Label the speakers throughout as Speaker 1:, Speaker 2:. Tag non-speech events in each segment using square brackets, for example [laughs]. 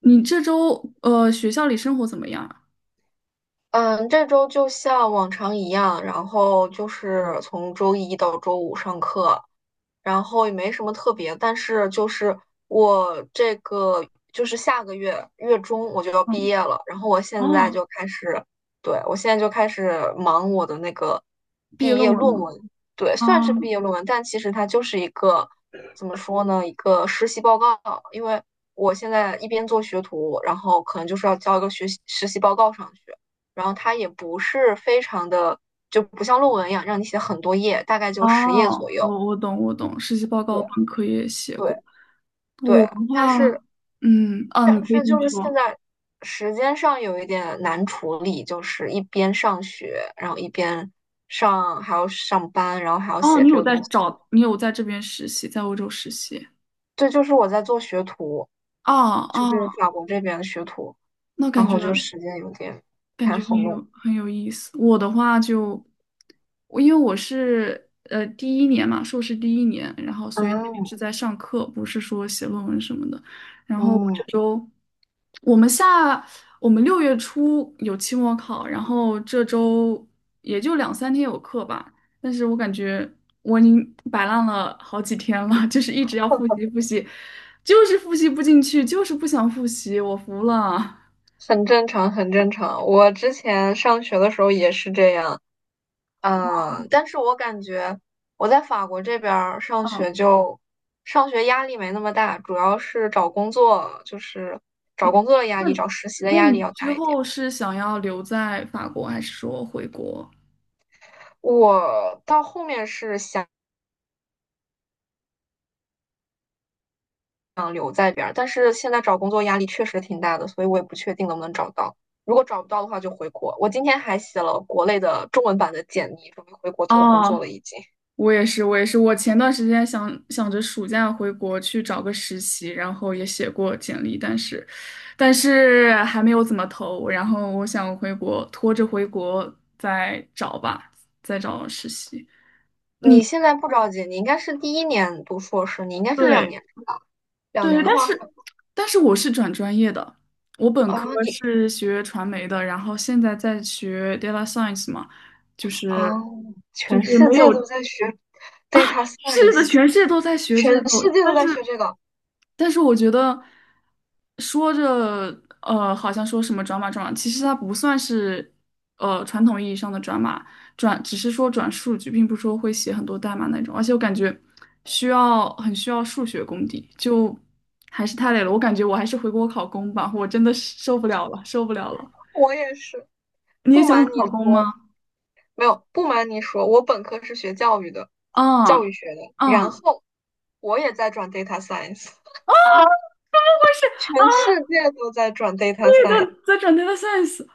Speaker 1: 你这周学校里生活怎么样啊？
Speaker 2: 嗯，这周就像往常一样，然后就是从周一到周五上课，然后也没什么特别，但是就是我这个就是下个月月中我就要毕
Speaker 1: 嗯。
Speaker 2: 业了，然后我现在
Speaker 1: 哦。
Speaker 2: 就开始，对，我现在就开始忙我的那个
Speaker 1: 毕业
Speaker 2: 毕
Speaker 1: 论
Speaker 2: 业
Speaker 1: 文
Speaker 2: 论
Speaker 1: 吗？
Speaker 2: 文，对，
Speaker 1: 啊。
Speaker 2: 算是毕业论文，但其实它就是一个怎么说呢，一个实习报告，因为我现在一边做学徒，然后可能就是要交一个学习实习报告上去。然后它也不是非常的，就不像论文一样让你写很多页，大概
Speaker 1: 哦，
Speaker 2: 就10页左右。
Speaker 1: 我懂我懂，实习报告
Speaker 2: 对
Speaker 1: 本科也写过。
Speaker 2: 对
Speaker 1: 我
Speaker 2: 对，
Speaker 1: 的
Speaker 2: 但
Speaker 1: 话。
Speaker 2: 是
Speaker 1: 嗯啊，你可以继
Speaker 2: 就
Speaker 1: 续
Speaker 2: 是现
Speaker 1: 说。
Speaker 2: 在时间上有一点难处理，就是一边上学，然后一边还要上班，然后还要
Speaker 1: 哦，
Speaker 2: 写这个东西，就
Speaker 1: 你有在这边实习，在欧洲实习。
Speaker 2: 这就是我在做学徒，
Speaker 1: 哦
Speaker 2: 就是
Speaker 1: 哦，
Speaker 2: 法国这边的学徒，
Speaker 1: 那
Speaker 2: 然
Speaker 1: 感觉。
Speaker 2: 后就时间有点不
Speaker 1: 感
Speaker 2: 太
Speaker 1: 觉很
Speaker 2: 好弄。
Speaker 1: 有很有意思。我的话就，我因为我是第一年嘛，硕士第一年，然后所以
Speaker 2: 嗯
Speaker 1: 是在上课，不是说写论文什么的。然后我
Speaker 2: 嗯。
Speaker 1: 这周，我们下我们六月初有期末考，然后这周也就两三天有课吧。但是我感觉我已经摆烂了好几天了，[laughs] 就是一直要复习复习，就是复习不进去，就是不想复习，我服了。
Speaker 2: 很正常，很正常。我之前上学的时候也是这样，嗯，但是我感觉我在法国这边儿
Speaker 1: [laughs]
Speaker 2: 上
Speaker 1: 嗯。
Speaker 2: 学就上学压力没那么大，主要是找工作，就是找
Speaker 1: 嗯，
Speaker 2: 工作的压
Speaker 1: 那
Speaker 2: 力，找实习的
Speaker 1: 那
Speaker 2: 压力
Speaker 1: 你
Speaker 2: 要
Speaker 1: 之
Speaker 2: 大一点。
Speaker 1: 后是想要留在法国，还是说回国？
Speaker 2: 我到后面是想留在这边儿，但是现在找工作压力确实挺大的，所以我也不确定能不能找到。如果找不到的话，就回国。我今天还写了国内的中文版的简历，准备回国投工作了
Speaker 1: 哦，
Speaker 2: 已经。
Speaker 1: 我也是，我也是。我前段时间想着暑假回国去找个实习，然后也写过简历，但是还没有怎么投。然后我想回国，拖着回国再找吧，再找实习。
Speaker 2: 你
Speaker 1: 你
Speaker 2: 现在不着急，你应该是第一年读硕士，你应该是两
Speaker 1: 对，
Speaker 2: 年，两
Speaker 1: 对，
Speaker 2: 年的
Speaker 1: 但
Speaker 2: 话。
Speaker 1: 是但是我是转专业的，我本科
Speaker 2: 啊你
Speaker 1: 是学传媒的，然后现在在学 data science 嘛，就
Speaker 2: 哦，
Speaker 1: 是就
Speaker 2: 全
Speaker 1: 是
Speaker 2: 世
Speaker 1: 没
Speaker 2: 界都
Speaker 1: 有，
Speaker 2: 在学 data
Speaker 1: 是的，
Speaker 2: science，
Speaker 1: 全世界都在学
Speaker 2: 全
Speaker 1: 这个，
Speaker 2: 世界都
Speaker 1: 但
Speaker 2: 在
Speaker 1: 是
Speaker 2: 学这个。
Speaker 1: 但是我觉得说着好像说什么转码转码，其实它不算是传统意义上的转码，转只是说转数据，并不是说会写很多代码那种。而且我感觉很需要数学功底，就还是太累了。我感觉我还是回国考公吧，我真的是受不了了，受不了了。
Speaker 2: 我也是，
Speaker 1: 你也
Speaker 2: 不
Speaker 1: 想
Speaker 2: 瞒你
Speaker 1: 考公
Speaker 2: 说，
Speaker 1: 吗？
Speaker 2: 没有，不瞒你说，我本科是学教育的，
Speaker 1: 啊
Speaker 2: 教育学的，然
Speaker 1: 啊。
Speaker 2: 后我也在转 data science，[laughs] 全世界都在转 data
Speaker 1: 对的，
Speaker 2: science。
Speaker 1: 在转 data science。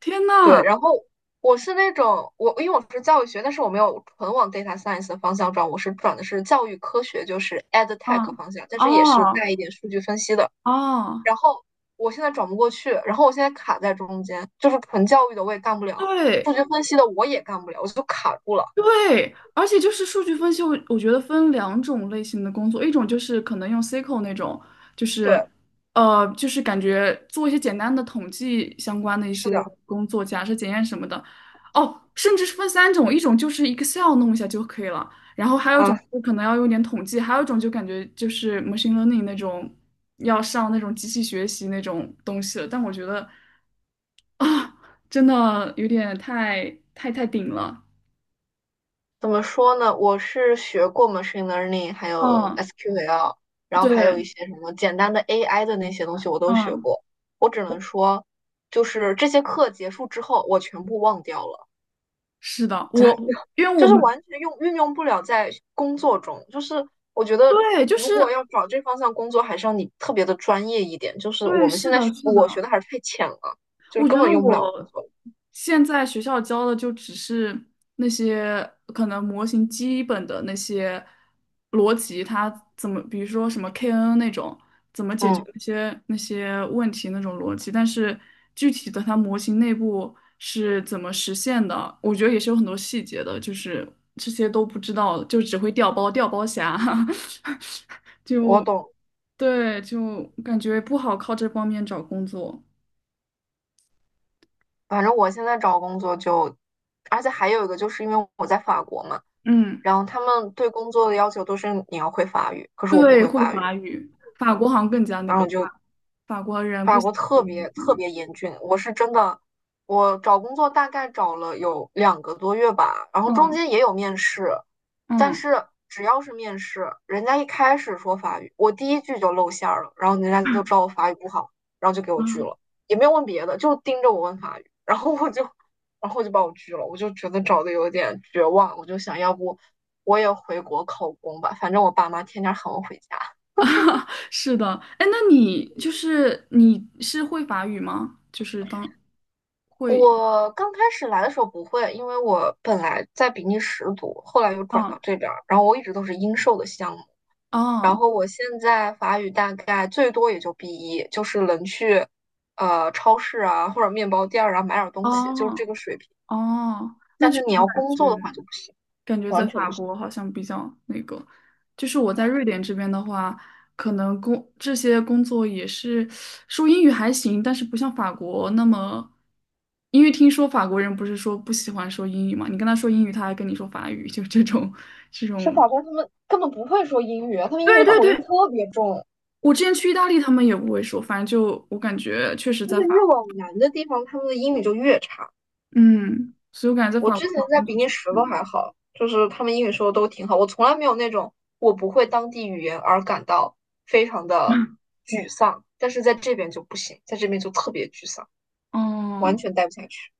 Speaker 1: 天呐。
Speaker 2: 对，然后我是那种我，因为我是教育学，但是我没有纯往 data science 的方向转，我是转的是教育科学，就是 ed
Speaker 1: 啊。
Speaker 2: tech 方向，但是也是带
Speaker 1: 哦
Speaker 2: 一点数据分析的。
Speaker 1: 哦。
Speaker 2: 然后我现在转不过去，然后我现在卡在中间，就是纯教育的我也干不了，
Speaker 1: 对。
Speaker 2: 数据分析的我也干不了，我就卡住了。
Speaker 1: 对，而且就是数据分析，我觉得分两种类型的工作，一种就是可能用 SQL 那种，就
Speaker 2: 对，
Speaker 1: 是就是感觉做一些简单的统计相关的一
Speaker 2: 是
Speaker 1: 些
Speaker 2: 的
Speaker 1: 工作，假设检验什么的。哦，甚至是分三种，一种就是 Excel 弄一下就可以了，然后还有一种
Speaker 2: 啊，
Speaker 1: 就可能要用点统计，还有一种就感觉就是 machine learning 那种要上那种机器学习那种东西了。但我觉得啊，真的有点太顶了。
Speaker 2: 怎么说呢？我是学过 machine learning，还有
Speaker 1: 嗯。
Speaker 2: SQL，然后还有
Speaker 1: 对。
Speaker 2: 一些什么简单的 AI 的那些东西我都学
Speaker 1: 嗯。
Speaker 2: 过。我只能
Speaker 1: 我
Speaker 2: 说，就是这些课结束之后，我全部忘掉了。
Speaker 1: 是的。
Speaker 2: 真的
Speaker 1: 我
Speaker 2: [laughs]
Speaker 1: 因为我
Speaker 2: 就是
Speaker 1: 们
Speaker 2: 完全用运用不了在工作中。就是我觉得，
Speaker 1: 对，就
Speaker 2: 如果
Speaker 1: 是
Speaker 2: 要找这方向工作，还是要你特别的专业一点。就是
Speaker 1: 对，
Speaker 2: 我们
Speaker 1: 是
Speaker 2: 现在
Speaker 1: 的，
Speaker 2: 学
Speaker 1: 是
Speaker 2: 我
Speaker 1: 的，
Speaker 2: 学的还是太浅了，就是
Speaker 1: 我觉
Speaker 2: 根
Speaker 1: 得
Speaker 2: 本用不了工
Speaker 1: 我
Speaker 2: 作。
Speaker 1: 现在学校教的就只是那些可能模型基本的那些逻辑。它怎么，比如说什么 KNN 那种，怎么解决
Speaker 2: 嗯，
Speaker 1: 那些问题那种逻辑，但是具体的它模型内部是怎么实现的，我觉得也是有很多细节的，就是这些都不知道，就只会调包调包侠。[laughs]
Speaker 2: 我
Speaker 1: 就
Speaker 2: 懂。
Speaker 1: 对，就感觉不好靠这方面找工作。
Speaker 2: 反正我现在找工作就，而且还有一个就是因为我在法国嘛，
Speaker 1: 嗯。
Speaker 2: 然后他们对工作的要求都是你要会法语，可是我不
Speaker 1: 对，
Speaker 2: 会法语，
Speaker 1: 法国好像更加那
Speaker 2: 然
Speaker 1: 个
Speaker 2: 后就
Speaker 1: 法国人不
Speaker 2: 法
Speaker 1: 喜
Speaker 2: 国
Speaker 1: 欢学
Speaker 2: 特
Speaker 1: 英
Speaker 2: 别特
Speaker 1: 语。
Speaker 2: 别严峻，我是真的，我找工作大概找了有2个多月吧，然后中
Speaker 1: 嗯。
Speaker 2: 间也有面试，但
Speaker 1: 嗯。
Speaker 2: 是只要是面试，人家一开始说法语，我第一句就露馅儿了，然后人家就知道我法语不好，然后就给我拒
Speaker 1: 嗯。
Speaker 2: 了，也没有问别的，就盯着我问法语，然后我就，然后就把我拒了，我就觉得找的有点绝望，我就想要不我也回国考公吧，反正我爸妈天天喊我回家。
Speaker 1: 啊 [laughs]，是的。哎，那你是会法语吗？就是当会。
Speaker 2: 我刚开始来的时候不会，因为我本来在比利时读，后来又转
Speaker 1: 嗯。
Speaker 2: 到这边儿，然后我一直都是英授的项目，然
Speaker 1: 哦。
Speaker 2: 后我现在法语大概最多也就 b 一，就是能去超市啊或者面包店儿啊买点儿东西，就是这
Speaker 1: 哦。
Speaker 2: 个水平。
Speaker 1: 哦，那
Speaker 2: 但
Speaker 1: 确
Speaker 2: 是你
Speaker 1: 实
Speaker 2: 要
Speaker 1: 感
Speaker 2: 工作
Speaker 1: 觉。
Speaker 2: 的话就不行，
Speaker 1: 感觉在
Speaker 2: 完全
Speaker 1: 法
Speaker 2: 不行。
Speaker 1: 国好像比较那个，就是我在瑞典这边的话，可能这些工作也是说英语还行，但是不像法国那么，因为听说法国人不是说不喜欢说英语嘛，你跟他说英语，他还跟你说法语，就这种这
Speaker 2: 是
Speaker 1: 种
Speaker 2: 法
Speaker 1: [laughs]。
Speaker 2: 国他们根本不会说英语啊他们英
Speaker 1: 对
Speaker 2: 语
Speaker 1: 对
Speaker 2: 口音
Speaker 1: 对，
Speaker 2: 特别重，
Speaker 1: 我之前去意大利，他们也不会说，反正就我感觉确实
Speaker 2: 就
Speaker 1: 在
Speaker 2: 是
Speaker 1: 法
Speaker 2: 越
Speaker 1: 国。
Speaker 2: 往南的地方，他们的英语就越差。
Speaker 1: 嗯，所以我感觉在
Speaker 2: 我
Speaker 1: 法
Speaker 2: 之
Speaker 1: 国
Speaker 2: 前
Speaker 1: 找
Speaker 2: 在
Speaker 1: 工
Speaker 2: 比
Speaker 1: 作
Speaker 2: 利
Speaker 1: 确实
Speaker 2: 时
Speaker 1: 很
Speaker 2: 都还
Speaker 1: 难。
Speaker 2: 好，就是他们英语说的都挺好，我从来没有那种我不会当地语言而感到非常的沮丧，但是在这边就不行，在这边就特别沮丧，完
Speaker 1: 哦。
Speaker 2: 全待不下去。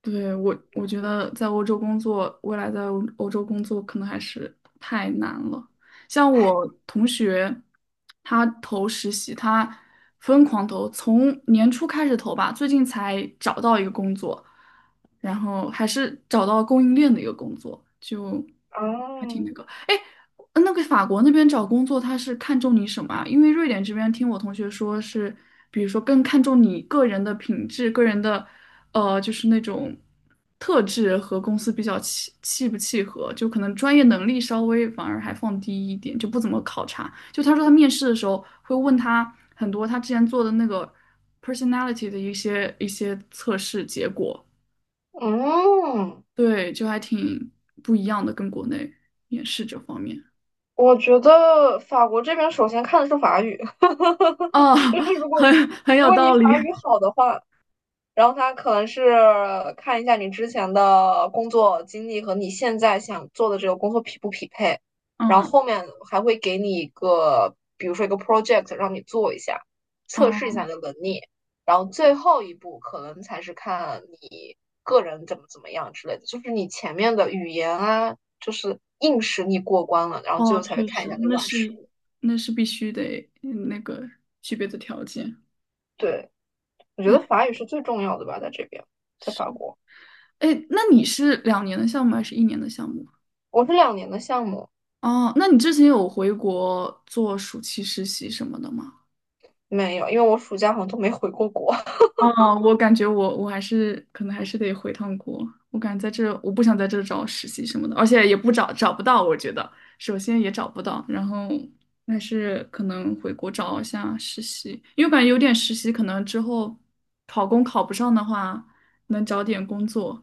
Speaker 1: 对，我觉得在欧洲工作，未来在欧洲工作可能还是太难了。像我同学，他投实习，他疯狂投，从年初开始投吧，最近才找到一个工作，然后还是找到供应链的一个工作，就。
Speaker 2: 啊，
Speaker 1: 法国那边找工作，他是看重你什么啊？因为瑞典这边听我同学说是，比如说更看重你个人的品质、个人的，就是那种特质和公司比较契不契合，就可能专业能力稍微反而还放低一点，就不怎么考察。就他说他面试的时候会问他很多他之前做的那个 personality 的一些测试结果。
Speaker 2: 嗯，
Speaker 1: 对，就还挺不一样的，跟国内面试这方面。
Speaker 2: 我觉得法国这边首先看的是法语，
Speaker 1: 哦。
Speaker 2: [laughs] 就
Speaker 1: [laughs]
Speaker 2: 是如果
Speaker 1: 很有
Speaker 2: 你
Speaker 1: 道理。
Speaker 2: 法语
Speaker 1: [laughs]
Speaker 2: 好的话，然后他可能是看一下你之前的工作经历和你现在想做的这个工作匹不匹配，然后
Speaker 1: 嗯。
Speaker 2: 后面还会给你一个，比如说一个 project 让你做一下，测试一
Speaker 1: 嗯。
Speaker 2: 下你的能力，然后最后一步可能才是看你个人怎么怎么样之类的，就是你前面的语言啊，就是硬实力过关了，然后最
Speaker 1: 哦，
Speaker 2: 后才会
Speaker 1: 确
Speaker 2: 看一
Speaker 1: 实，
Speaker 2: 下你的软实力。
Speaker 1: 那是必须得具备的条件。
Speaker 2: 对，我觉
Speaker 1: 哎。
Speaker 2: 得法语是最重要的吧，在这边，在
Speaker 1: 是。
Speaker 2: 法国，
Speaker 1: 哎，那你是2年的项目还是一年的项目？
Speaker 2: 我是两年的项目。
Speaker 1: 哦，那你之前有回国做暑期实习什么的吗？
Speaker 2: 没有，因为我暑假好像都没回过国。[laughs]
Speaker 1: 哦，我感觉我可能还是得回趟国。我感觉在这我不想在这找实习什么的，而且也不找找不到，我觉得首先也找不到，然后还是可能回国找一下实习，因为我感觉有点实习，可能之后考公考不上的话，能找点工作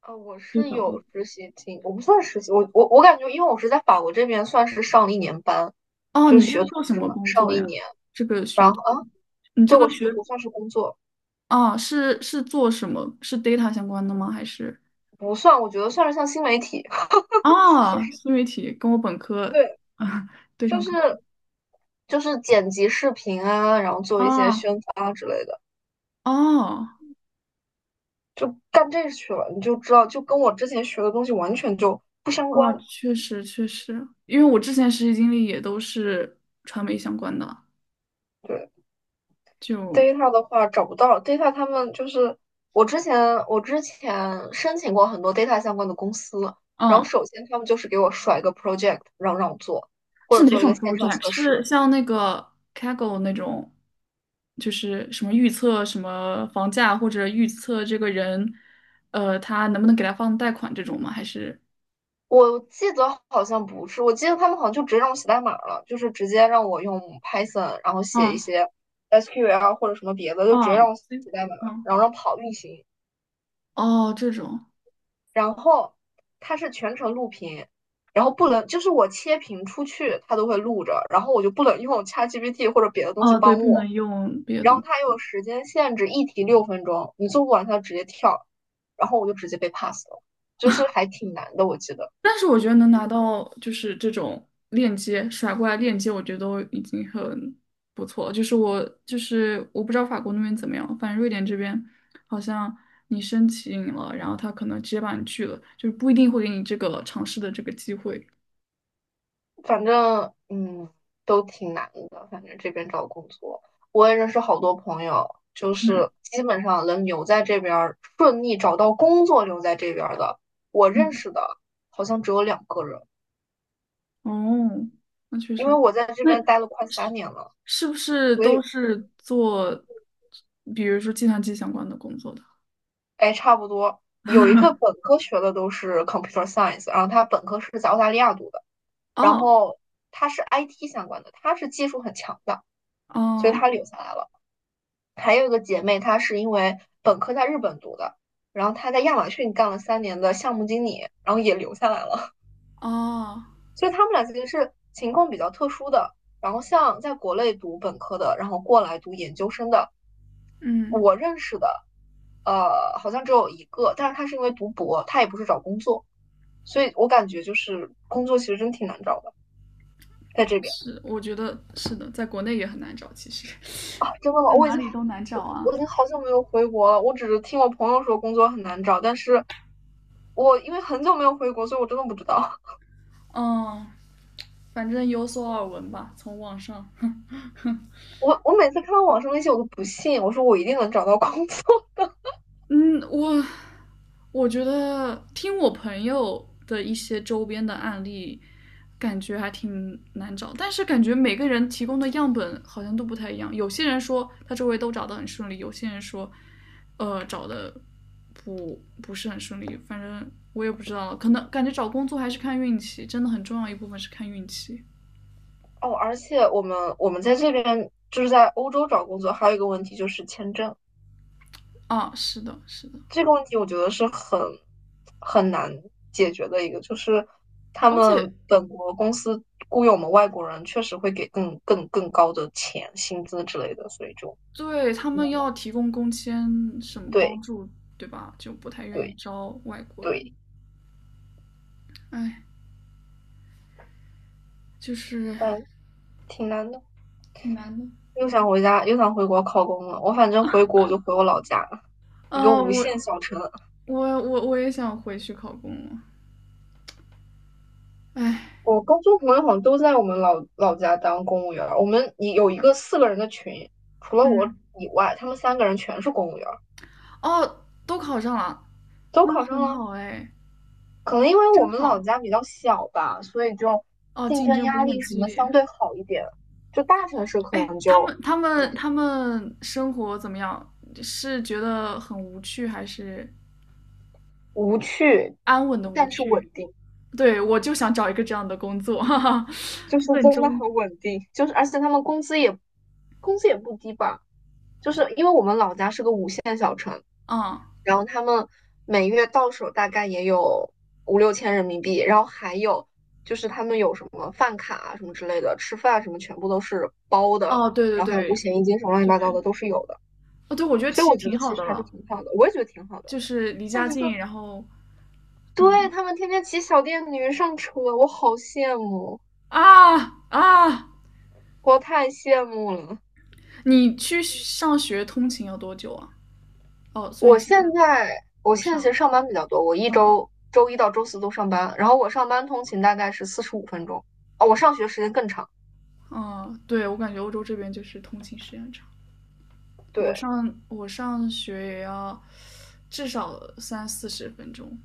Speaker 2: 啊，我
Speaker 1: 就
Speaker 2: 是
Speaker 1: 找工
Speaker 2: 有
Speaker 1: 作。
Speaker 2: 实习经，我不算实习，我感觉，因为我是在法国这边算是上了一年班，
Speaker 1: 哦，
Speaker 2: 就
Speaker 1: 你
Speaker 2: 学
Speaker 1: 是
Speaker 2: 徒
Speaker 1: 做什
Speaker 2: 制
Speaker 1: 么
Speaker 2: 嘛，
Speaker 1: 工
Speaker 2: 上了
Speaker 1: 作
Speaker 2: 一
Speaker 1: 呀？
Speaker 2: 年，
Speaker 1: 这个
Speaker 2: 然
Speaker 1: 学，
Speaker 2: 后
Speaker 1: 你这
Speaker 2: 对我
Speaker 1: 个学，
Speaker 2: 学徒算是工作，
Speaker 1: 哦，是做什么？是 data 相关的吗？还是？
Speaker 2: 不算，我觉得算是像新媒体，
Speaker 1: 哦，新媒体跟我本
Speaker 2: [laughs]
Speaker 1: 科。
Speaker 2: 对，
Speaker 1: 啊 [laughs] 对
Speaker 2: 就
Speaker 1: 上
Speaker 2: 是
Speaker 1: 口了。
Speaker 2: 剪辑视频啊，然后做一些
Speaker 1: 啊。
Speaker 2: 宣发啊之类的，
Speaker 1: 哦。
Speaker 2: 就干这去了，你就知道，就跟我之前学的东西完全就不相
Speaker 1: 哦，
Speaker 2: 关，
Speaker 1: 确实确实，因为我之前实习经历也都是传媒相关的，
Speaker 2: 对。
Speaker 1: 就。
Speaker 2: data 的话找不到 data，他们就是我之前申请过很多 data 相关的公司，然
Speaker 1: 嗯，
Speaker 2: 后首先他们就是给我甩一个 project，让我做，或
Speaker 1: 是
Speaker 2: 者
Speaker 1: 哪
Speaker 2: 做一
Speaker 1: 种
Speaker 2: 个线上
Speaker 1: project？
Speaker 2: 测试。
Speaker 1: 是像那个 Kaggle 那种，就是什么预测什么房价或者预测这个人，他能不能给他放贷款这种吗？还是？
Speaker 2: 我记得好像不是，我记得他们好像就直接让我写代码了，就是直接让我用 Python，然后写一
Speaker 1: 嗯。
Speaker 2: 些 SQL 或者什么别的，就直接让
Speaker 1: 嗯。
Speaker 2: 我写代码，
Speaker 1: 嗯。
Speaker 2: 然后让跑运行。
Speaker 1: 哦，这种。
Speaker 2: 然后它是全程录屏，然后不能就是我切屏出去，它都会录着，然后我就不能用 ChatGPT 或者别的东西
Speaker 1: 哦，对，
Speaker 2: 帮
Speaker 1: 不能
Speaker 2: 我。
Speaker 1: 用别的
Speaker 2: 然后
Speaker 1: 东
Speaker 2: 它又有
Speaker 1: 西。
Speaker 2: 时间限制，一题6分钟，你做不完它直接跳，然后我就直接被 pass 了，就是还挺难的，我记得。
Speaker 1: 但是我觉得能拿到就是这种链接甩过来链接，我觉得都已经很不错了。就是我不知道法国那边怎么样，反正瑞典这边好像你申请了，然后他可能直接把你拒了，就是不一定会给你这个尝试的这个机会。
Speaker 2: 反正嗯，都挺难的。反正这边找工作，我也认识好多朋友，就
Speaker 1: 嗯。
Speaker 2: 是基本上能留在这边儿，顺利找到工作留在这边儿的，我认
Speaker 1: 嗯。
Speaker 2: 识的好像只有2个人。
Speaker 1: 哦，那确
Speaker 2: 因为
Speaker 1: 实，
Speaker 2: 我在这
Speaker 1: 那
Speaker 2: 边待了快三
Speaker 1: 是
Speaker 2: 年了，
Speaker 1: 是不是
Speaker 2: 所以
Speaker 1: 都是做，比如说计算机相关的工作的？
Speaker 2: 哎，差不多有一个本科学的都是 computer science，然后他本科是在澳大利亚读的，然
Speaker 1: 哦。
Speaker 2: 后他是 IT 相关的，他是技术很强的，所
Speaker 1: 哦。
Speaker 2: 以他留下来了。还有一个姐妹，她是因为本科在日本读的，然后她在亚马逊干了三年的项目经理，然后也留下来了。
Speaker 1: 哦。
Speaker 2: [laughs] 所以她们俩其实是情况比较特殊的。然后像在国内读本科的，然后过来读研究生的，
Speaker 1: 嗯。
Speaker 2: 我认识的，好像只有一个，但是她是因为读博，她也不是找工作，所以我感觉就是工作其实真挺难找的，在这边
Speaker 1: 是，我觉得是的，在国内也很难找，其实
Speaker 2: 啊，真的
Speaker 1: [laughs]
Speaker 2: 吗？
Speaker 1: 在
Speaker 2: 我已
Speaker 1: 哪
Speaker 2: 经
Speaker 1: 里都难找
Speaker 2: 我
Speaker 1: 啊。
Speaker 2: 我已经好久没有回国了，我只是听我朋友说工作很难找，但是。我因为很久没有回国，所以我真的不知道。
Speaker 1: 嗯，反正有所耳闻吧，从网上。哼。
Speaker 2: 我每次看到网上那些，我都不信，我说我一定能找到工作
Speaker 1: 嗯，我觉得听我朋友的一些周边的案例，感觉还挺难找，但是感觉每个人提供的样本好像都不太一样。有些人说他周围都找得很顺利，有些人说，找的不是很顺利。反正我也不知道了，可能感觉找工作还是看运气，真的很重要一部分是看运气
Speaker 2: [laughs] 哦。而且我们在这边就是在欧洲找工作，还有一个问题就是签证。
Speaker 1: 啊。是的，是的，
Speaker 2: 这个问题我觉得是很难解决的一个，就是他
Speaker 1: 而且
Speaker 2: 们本国公司雇佣我们外国人，确实会给更高的钱、薪资之类的，所以就
Speaker 1: 对，他
Speaker 2: 嗯
Speaker 1: 们要提供工签什么帮
Speaker 2: 对
Speaker 1: 助，对吧？就不太愿意
Speaker 2: 对
Speaker 1: 招外国人。
Speaker 2: 对，
Speaker 1: 哎，就是
Speaker 2: 但挺难的。
Speaker 1: 挺难的。
Speaker 2: 又想回家，又想回国考公了。我反正回国我就回我老家，一个
Speaker 1: 啊，
Speaker 2: 无
Speaker 1: 我
Speaker 2: 限小城。
Speaker 1: 我我我也想回去考公了。哎。
Speaker 2: 我高中朋友好像都在我们老家当公务员儿我们一有一个4个人的群，除了我
Speaker 1: 嗯。
Speaker 2: 以外，他们3个人全是公务员儿
Speaker 1: 哦，都考上了，
Speaker 2: 都
Speaker 1: 那
Speaker 2: 考上
Speaker 1: 很
Speaker 2: 了。
Speaker 1: 好哎，
Speaker 2: 可能因为我
Speaker 1: 真
Speaker 2: 们老
Speaker 1: 好。
Speaker 2: 家比较小吧，所以就
Speaker 1: 哦，
Speaker 2: 竞
Speaker 1: 竞
Speaker 2: 争
Speaker 1: 争不
Speaker 2: 压
Speaker 1: 是很
Speaker 2: 力什
Speaker 1: 激
Speaker 2: 么
Speaker 1: 烈。
Speaker 2: 相对好一点。就大城市可
Speaker 1: 哎，
Speaker 2: 能
Speaker 1: 他
Speaker 2: 就
Speaker 1: 们他
Speaker 2: 比较
Speaker 1: 们他们生活怎么样？是觉得很无趣，还是
Speaker 2: 无趣，
Speaker 1: 安稳的无
Speaker 2: 但是
Speaker 1: 趣？
Speaker 2: 稳定，
Speaker 1: 对，我就想找一个这样的工作，[laughs] 哈哈，
Speaker 2: 就是
Speaker 1: [laughs] 稳
Speaker 2: 真的
Speaker 1: 中
Speaker 2: 很稳定。就是而且他们工资也工资也不低吧。就是因为我们老家是个5线小城，
Speaker 1: 嗯。
Speaker 2: 然后他们每月到手大概也有5、6千人民币，然后还有就是他们有什么饭卡啊什么之类的，吃饭什么全部都是包的，
Speaker 1: 哦，对对
Speaker 2: 然后还有五
Speaker 1: 对
Speaker 2: 险一金什么乱七八糟的
Speaker 1: 对。
Speaker 2: 都是有的，
Speaker 1: 哦对，我觉得其
Speaker 2: 所以
Speaker 1: 实
Speaker 2: 我觉
Speaker 1: 挺
Speaker 2: 得
Speaker 1: 好
Speaker 2: 其
Speaker 1: 的
Speaker 2: 实还是
Speaker 1: 了，
Speaker 2: 挺好的，我也觉得挺好的。
Speaker 1: 就是离
Speaker 2: 再
Speaker 1: 家
Speaker 2: 一个，
Speaker 1: 近，然后嗯。
Speaker 2: 对，他们天天骑小电驴上车，我好羡慕，
Speaker 1: 啊。啊，
Speaker 2: 我太羡慕了。
Speaker 1: 你去上学通勤要多久啊？哦，虽然
Speaker 2: 我
Speaker 1: 你现在
Speaker 2: 现在
Speaker 1: 不
Speaker 2: 其
Speaker 1: 上。
Speaker 2: 实上班比较多，我一
Speaker 1: 嗯。
Speaker 2: 周周一到周四都上班，然后我上班通勤大概是45分钟，哦，我上学时间更长。
Speaker 1: 嗯，对，我感觉欧洲这边就是通勤时间很长，我
Speaker 2: 对，
Speaker 1: 上我上学也要至少三四十分钟。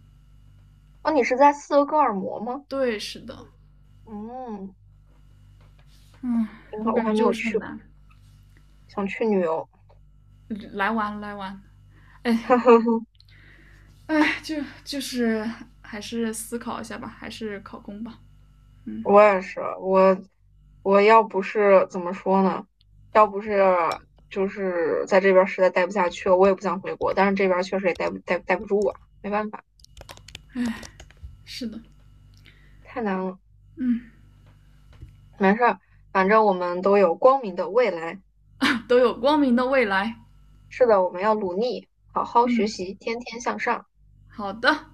Speaker 2: 哦，你是在斯德哥尔摩吗？
Speaker 1: 对，是的。
Speaker 2: 嗯，
Speaker 1: 嗯，
Speaker 2: 挺
Speaker 1: 我
Speaker 2: 好，我
Speaker 1: 感觉
Speaker 2: 还没
Speaker 1: 就
Speaker 2: 有
Speaker 1: 是很
Speaker 2: 去过，
Speaker 1: 难，
Speaker 2: 想去旅游。
Speaker 1: 来玩来玩。哎。哎，就是还是思考一下吧，还是考公吧。嗯。
Speaker 2: 我也是，我要不是怎么说呢，要不是就是在这边儿实在待不下去了，我也不想回国，但是这边儿确实也待不住啊，没办法，
Speaker 1: 是的。
Speaker 2: 太难了，
Speaker 1: 嗯，
Speaker 2: 没事儿，反正我们都有光明的未来。
Speaker 1: 都有光明的未来。
Speaker 2: 是的，我们要努力，好好学
Speaker 1: 嗯。
Speaker 2: 习，天天向上。
Speaker 1: 好的。